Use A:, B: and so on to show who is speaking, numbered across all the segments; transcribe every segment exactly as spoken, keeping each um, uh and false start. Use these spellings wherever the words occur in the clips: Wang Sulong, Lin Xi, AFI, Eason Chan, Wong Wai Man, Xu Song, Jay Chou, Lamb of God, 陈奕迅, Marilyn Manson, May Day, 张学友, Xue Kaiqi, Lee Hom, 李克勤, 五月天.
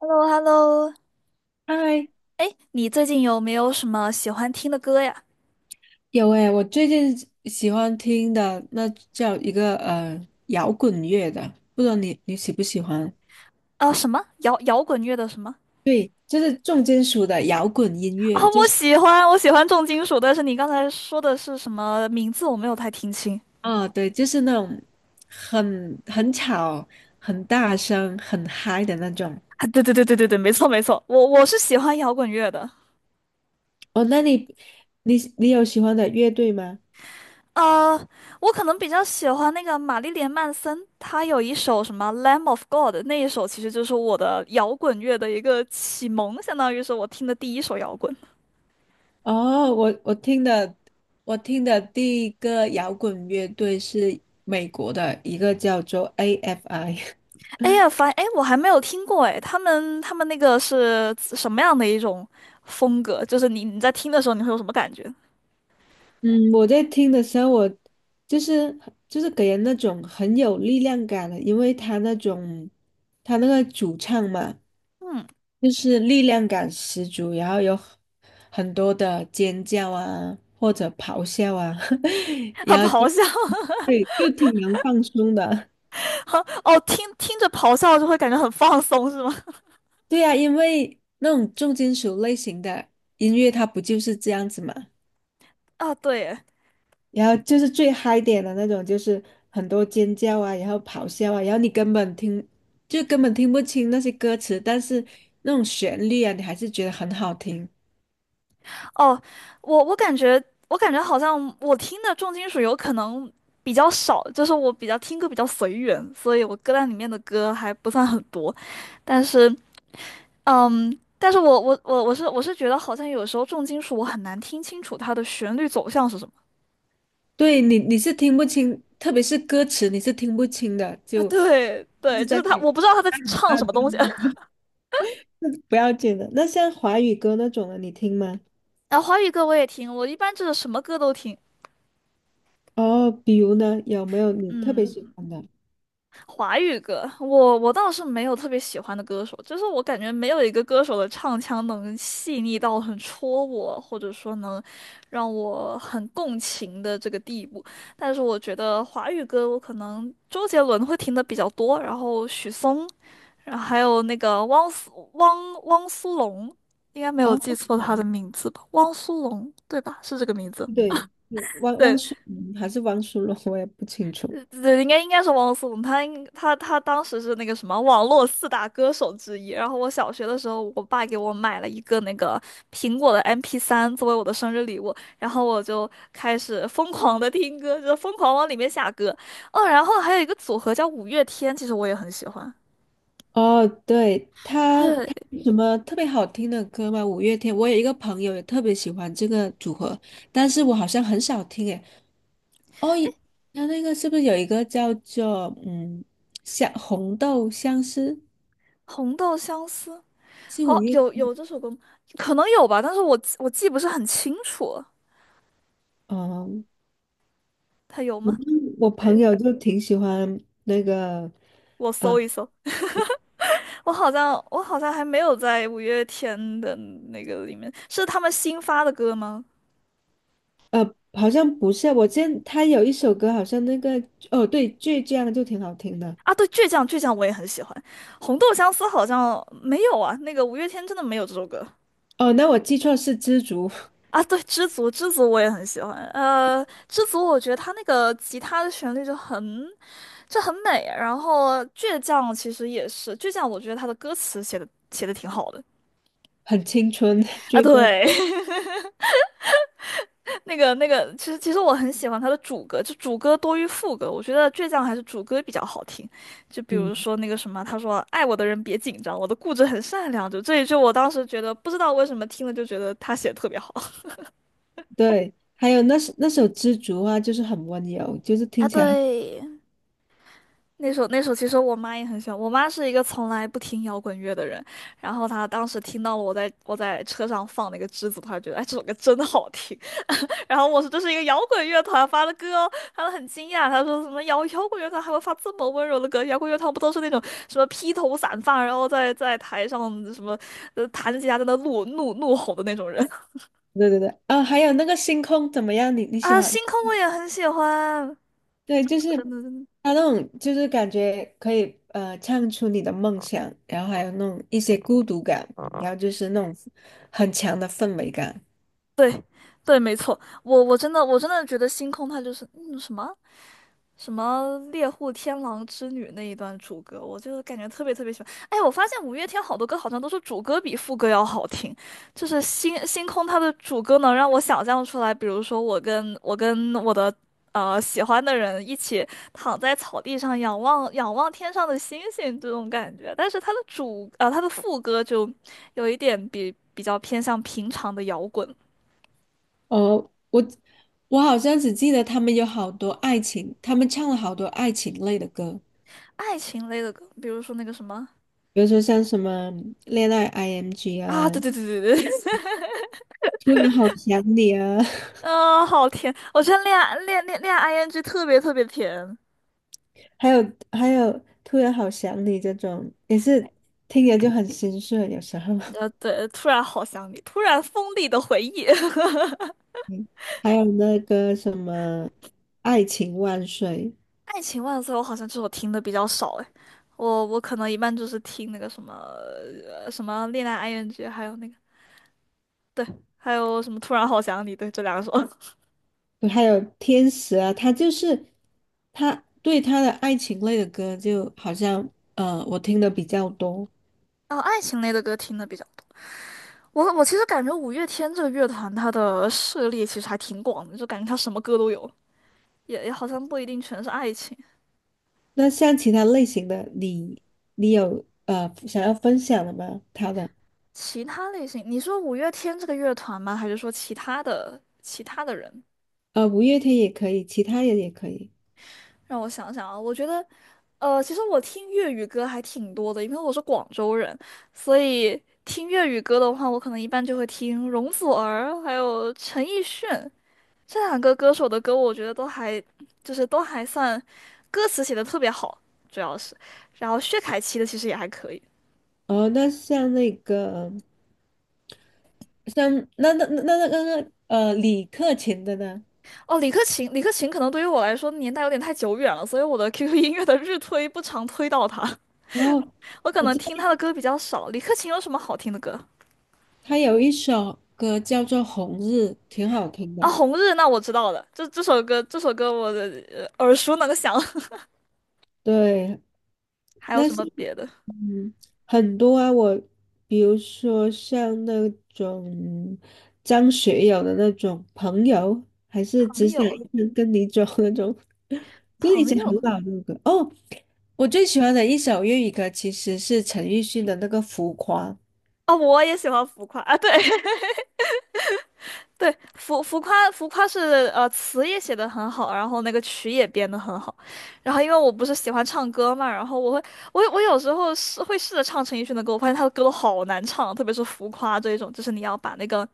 A: h e l l o h e l l o
B: 嗨，
A: 哎，你最近有没有什么喜欢听的歌呀？
B: 有诶，我最近喜欢听的那叫一个呃摇滚乐的，不知道你你喜不喜欢？
A: 啊，什么摇摇滚乐的什么？
B: 对，就是重金属的摇滚音
A: 啊，
B: 乐，就
A: 我
B: 是
A: 喜欢，我喜欢重金属，但是你刚才说的是什么名字？我没有太听清。
B: 啊、对，就是那种很很吵、很大声、很嗨的那种。
A: 啊，对对对对对对，没错没错，我我是喜欢摇滚乐的。
B: 哦，那你你你有喜欢的乐队吗？
A: 呃，我可能比较喜欢那个玛丽莲曼森，她有一首什么《Lamb of God》，那一首其实就是我的摇滚乐的一个启蒙，相当于是我听的第一首摇滚。
B: 哦，我我听的我听的第一个摇滚乐队是美国的一个叫做 A F I。
A: 哎呀，反哎，我还没有听过哎，他们他们那个是什么样的一种风格？就是你你在听的时候，你会有什么感觉？
B: 嗯，我在听的时候，我就是就是给人那种很有力量感的，因为他那种他那个主唱嘛，
A: 嗯。
B: 就是力量感十足，然后有很很多的尖叫啊，或者咆哮啊，
A: 啊，
B: 然后就
A: 咆哮，
B: 对，就挺能放松的。
A: 哦，听听着咆哮就会感觉很放松，是吗？
B: 对呀，因为那种重金属类型的音乐，它不就是这样子嘛？
A: 啊，对耶。
B: 然后就是最嗨点的那种，就是很多尖叫啊，然后咆哮啊，然后你根本听，就根本听不清那些歌词，但是那种旋律啊，你还是觉得很好听。
A: 哦，我我感觉我感觉好像我听的重金属有可能比较少，就是我比较听歌比较随缘，所以我歌单里面的歌还不算很多，但是。嗯，但是我我我我是我是觉得好像有时候重金属我很难听清楚它的旋律走向是什么。
B: 对你，你是听不清，特别是歌词，你是听不清的，
A: 啊，
B: 就
A: 对
B: 一
A: 对，
B: 直
A: 就
B: 在
A: 是他，
B: 你
A: 我不知道他在唱
B: 大
A: 什
B: 家
A: 么东西。
B: 不要紧的。那像华语歌那种的，你听吗？
A: 然后华语歌我也听，我一般就是什么歌都听。
B: 哦，比如呢，有没有你特别喜
A: 嗯。
B: 欢的？
A: 华语歌，我我倒是没有特别喜欢的歌手，就是我感觉没有一个歌手的唱腔能细腻到很戳我，或者说能让我很共情的这个地步。但是我觉得华语歌，我可能周杰伦会听的比较多，然后许嵩，然后还有那个汪苏汪汪苏泷，应该没有
B: 哦，
A: 记错他的名字吧？汪苏泷对吧？是这个名字。
B: 对对汪汪
A: 对，
B: 苏泷还是汪苏泷，我也不清楚。
A: 呃，对，应该应该是汪苏泷，他应他他当时是那个什么网络四大歌手之一。然后我小学的时候，我爸给我买了一个那个苹果的 m p 三作为我的生日礼物，然后我就开始疯狂的听歌，就疯狂往里面下歌。哦，然后还有一个组合叫五月天，其实我也很喜欢。
B: 哦，对，他
A: 对，
B: 他有什么特别好听的歌吗？五月天，我有一个朋友也特别喜欢这个组合，但是我好像很少听诶。哦，他那个是不是有一个叫做嗯，像红豆相思
A: 红豆相思，
B: 是五
A: 好，
B: 月？
A: 有有这首歌吗，可能有吧，但是我记我记不是很清楚，
B: 哦，
A: 他有
B: 我
A: 吗？
B: 我朋
A: 对，
B: 友就挺喜欢那个，
A: 我
B: 呃
A: 搜一搜。我好像我好像还没有在五月天的那个里面，是他们新发的歌吗？
B: 呃，好像不是，我见他有一首歌，好像那个哦对，倔强就挺好听的。
A: 啊，对，倔强倔强我也很喜欢，红豆相思好像没有啊，那个五月天真的没有这首歌。
B: 哦，那我记错是知足，
A: 啊，对，知足知足我也很喜欢，呃，知足我觉得他那个吉他的旋律就很就很美，然后倔强其实也是倔强，我觉得他的歌词写的写的挺好的。
B: 很青春
A: 啊，
B: 倔强。
A: 对，那个那个，其实其实我很喜欢他的主歌，就主歌多于副歌，我觉得倔强还是主歌比较好听。就比如
B: 嗯，
A: 说那个什么，他说爱我的人别紧张，我的固执很善良，就这一句我当时觉得不知道为什么听了就觉得他写的特别好。
B: 对，还有那首那首《知足》啊，就是很温柔，就是
A: 啊，
B: 听起来很，
A: 对，那首那首其实我妈也很喜欢，我妈是一个从来不听摇滚乐的人，然后她当时听到了我在我在车上放那个栀子花，觉得哎这首歌真的好听。然后我说这是一个摇滚乐团发的歌哦，他很惊讶，他说什么摇摇滚乐团还会发这么温柔的歌？摇滚乐团不都是那种什么披头散发，然后在在台上什么呃弹着吉他在那怒怒怒吼的那种人。
B: 对对对，啊、还有那个星空怎么样？你 你喜
A: 啊？
B: 欢？
A: 星空我也很喜欢，
B: 对，就是
A: 嗯，
B: 他那种，就是感觉可以呃唱出你的梦想，然后还有那种一些孤独感，然后就是那种很强的氛围感。
A: 对，没错，我我真的我真的觉得星空它就是嗯什么什么猎户天狼之女那一段主歌，我就感觉特别特别喜欢。哎，我发现五月天好多歌好像都是主歌比副歌要好听，就是星星空它的主歌能让我想象出来，比如说我跟我跟我的呃喜欢的人一起躺在草地上仰望仰望天上的星星这种感觉，但是它的主呃它的副歌就有一点比比较偏向平常的摇滚。
B: 哦，我我好像只记得他们有好多爱情，他们唱了好多爱情类的歌，
A: 爱情类的歌，比如说那个什么。
B: 比如说像什么《恋爱 I M G》
A: 啊，对
B: 啊，
A: 对对对。
B: 《突然好想你》啊。
A: 嗯，好甜！我觉得恋爱恋恋恋爱 ing 特别特别甜。
B: 还有还有，突然好想你这种也是听着就很心碎，有时候。
A: 呃，对，突然好想你，突然锋利的回忆。
B: 嗯，还有那个什么《爱情万岁》，
A: 《爱情万岁》我好像这首听的比较少哎，我我可能一般就是听那个什么什么恋爱 ing,还有那个，对，还有什么突然好想你，对，这两首。
B: 还有《天使》啊，他就是他对他的爱情类的歌，就好像呃，我听的比较多。
A: 然后爱情类的歌听的比较多。我我其实感觉五月天这个乐团它的涉猎其实还挺广的，就感觉它什么歌都有，也也好像不一定全是爱情。
B: 那像其他类型的，你你有呃想要分享的吗？他的
A: 其他类型，你说五月天这个乐团吗？还是说其他的其他的人？
B: 呃，五月天也可以，其他人也可以。
A: 让我想想啊，我觉得，呃，其实我听粤语歌还挺多的，因为我是广州人，所以听粤语歌的话，我可能一般就会听容祖儿，还有陈奕迅这两个歌手的歌，我觉得都还就是都还算歌词写的特别好，主要是，然后薛凯琪的其实也还可以。
B: 哦，那像那个。像那那那那那个呃，李克勤的呢？
A: 哦，李克勤，李克勤可能对于我来说年代有点太久远了，所以我的 Q Q 音乐的日推不常推到他。
B: 哦，
A: 我可
B: 我
A: 能
B: 知道
A: 听他的歌比较少。李克勤有什么好听的歌？
B: 他有一首歌叫做《红日》，挺好听的。
A: 啊，《红日》那我知道了，这这首歌这首歌我的呃耳熟能详。
B: 对，
A: 还有
B: 但
A: 什
B: 是，
A: 么别的？
B: 嗯，很多啊，我比如说像那种张学友的那种朋友，还是
A: 朋
B: 只想
A: 友，
B: 一生跟你走那种，就是以
A: 朋
B: 前很
A: 友。
B: 老的歌。哦，我最喜欢的一首粤语歌其实是陈奕迅的那个《浮夸》。
A: 啊，我也喜欢浮夸啊，对。对，浮浮夸浮夸是呃词也写的很好，然后那个曲也编的很好，然后因为我不是喜欢唱歌嘛，然后我会我我有时候是会试着唱陈奕迅的歌，我发现他的歌都好难唱，特别是浮夸这一种，就是你要把那个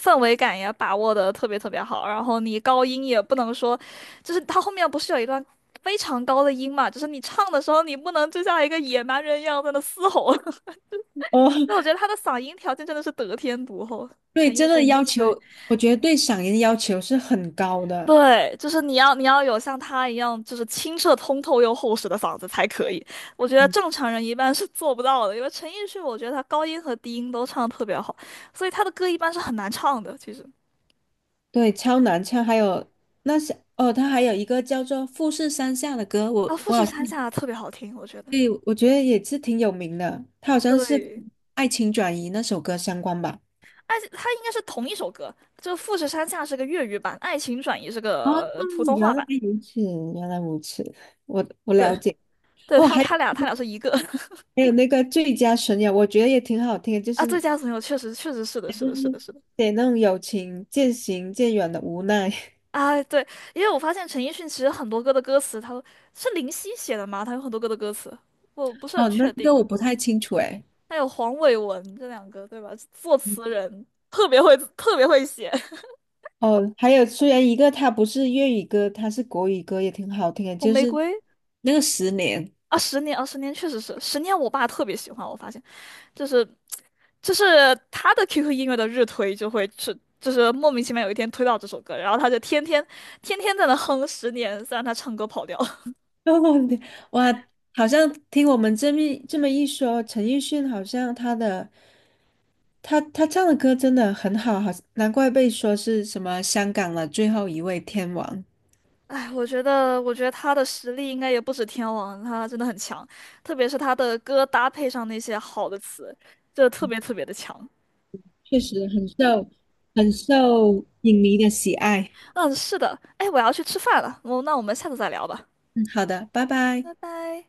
A: 氛围感也把握的特别特别好，然后你高音也不能说，就是他后面不是有一段非常高的音嘛，就是你唱的时候你不能就像一个野蛮人一样在那嘶吼。
B: 哦。
A: 那我觉得他的嗓音条件真的是得天独厚，
B: 对，
A: 陈
B: 真
A: 奕迅。
B: 的要
A: 对，
B: 求，我觉得对嗓音要求是很高的，
A: 对，就是你要你要有像他一样，就是清澈通透又厚实的嗓子才可以。我觉得
B: 嗯，
A: 正常人一般是做不到的，因为陈奕迅，我觉得他高音和低音都唱得特别好，所以他的歌一般是很难唱的。其实。
B: 对，超难唱。还有那是哦，他还有一个叫做《富士山下》的歌，
A: 啊，
B: 我
A: 《富
B: 我
A: 士
B: 好像
A: 山下》特别好听，我觉得。
B: 对，我觉得也是挺有名的，他好像是
A: 对，
B: 《爱情转移》那首歌相关吧。
A: 而且他应该是同一首歌，就《富士山下》是个粤语版，《爱情转移》是
B: 哦，
A: 个呃普通
B: 原
A: 话
B: 来
A: 版。
B: 如此，原来如此，我我
A: 对，
B: 了解。
A: 对，
B: 哦，
A: 他
B: 还有
A: 他俩他俩是一个。
B: 还有那个最佳损友，我觉得也挺好听的就
A: 啊，最
B: 是
A: 佳损友确实确实是的，是的，是的，是的。
B: 写那种友情渐行渐远的无奈。
A: 啊，对，因为我发现陈奕迅其实很多歌的歌词，他都是林夕写的吗？他有很多歌的歌词，我不是很
B: 哦，那
A: 确
B: 这个
A: 定。
B: 我不太清楚诶。
A: 还有黄伟文这两个，对吧？作词人特别会，特别会写。
B: 哦，还有虽然一个他不是粤语歌，他是国语歌，也挺好听的，
A: 红
B: 就
A: 玫
B: 是
A: 瑰。
B: 那个《十年》
A: 啊，十年啊，十年确实是十年，我爸特别喜欢。我发现就是就是他的 Q Q 音乐的日推就会是就是莫名其妙有一天推到这首歌，然后他就天天天天在那哼十年，虽然他唱歌跑调了。
B: 哇，好像听我们这么一这么一说，陈奕迅好像他的他他唱的歌真的很好，好难怪被说是什么香港的最后一位天王，
A: 哎，我觉得，我觉得他的实力应该也不止天王，他真的很强，特别是他的歌搭配上那些好的词，就特别特别的强。
B: 确实很受很受影迷的喜爱。
A: 嗯，是的，哎，我要去吃饭了，我那我们下次再聊吧，
B: 嗯，好的，拜拜。
A: 拜拜。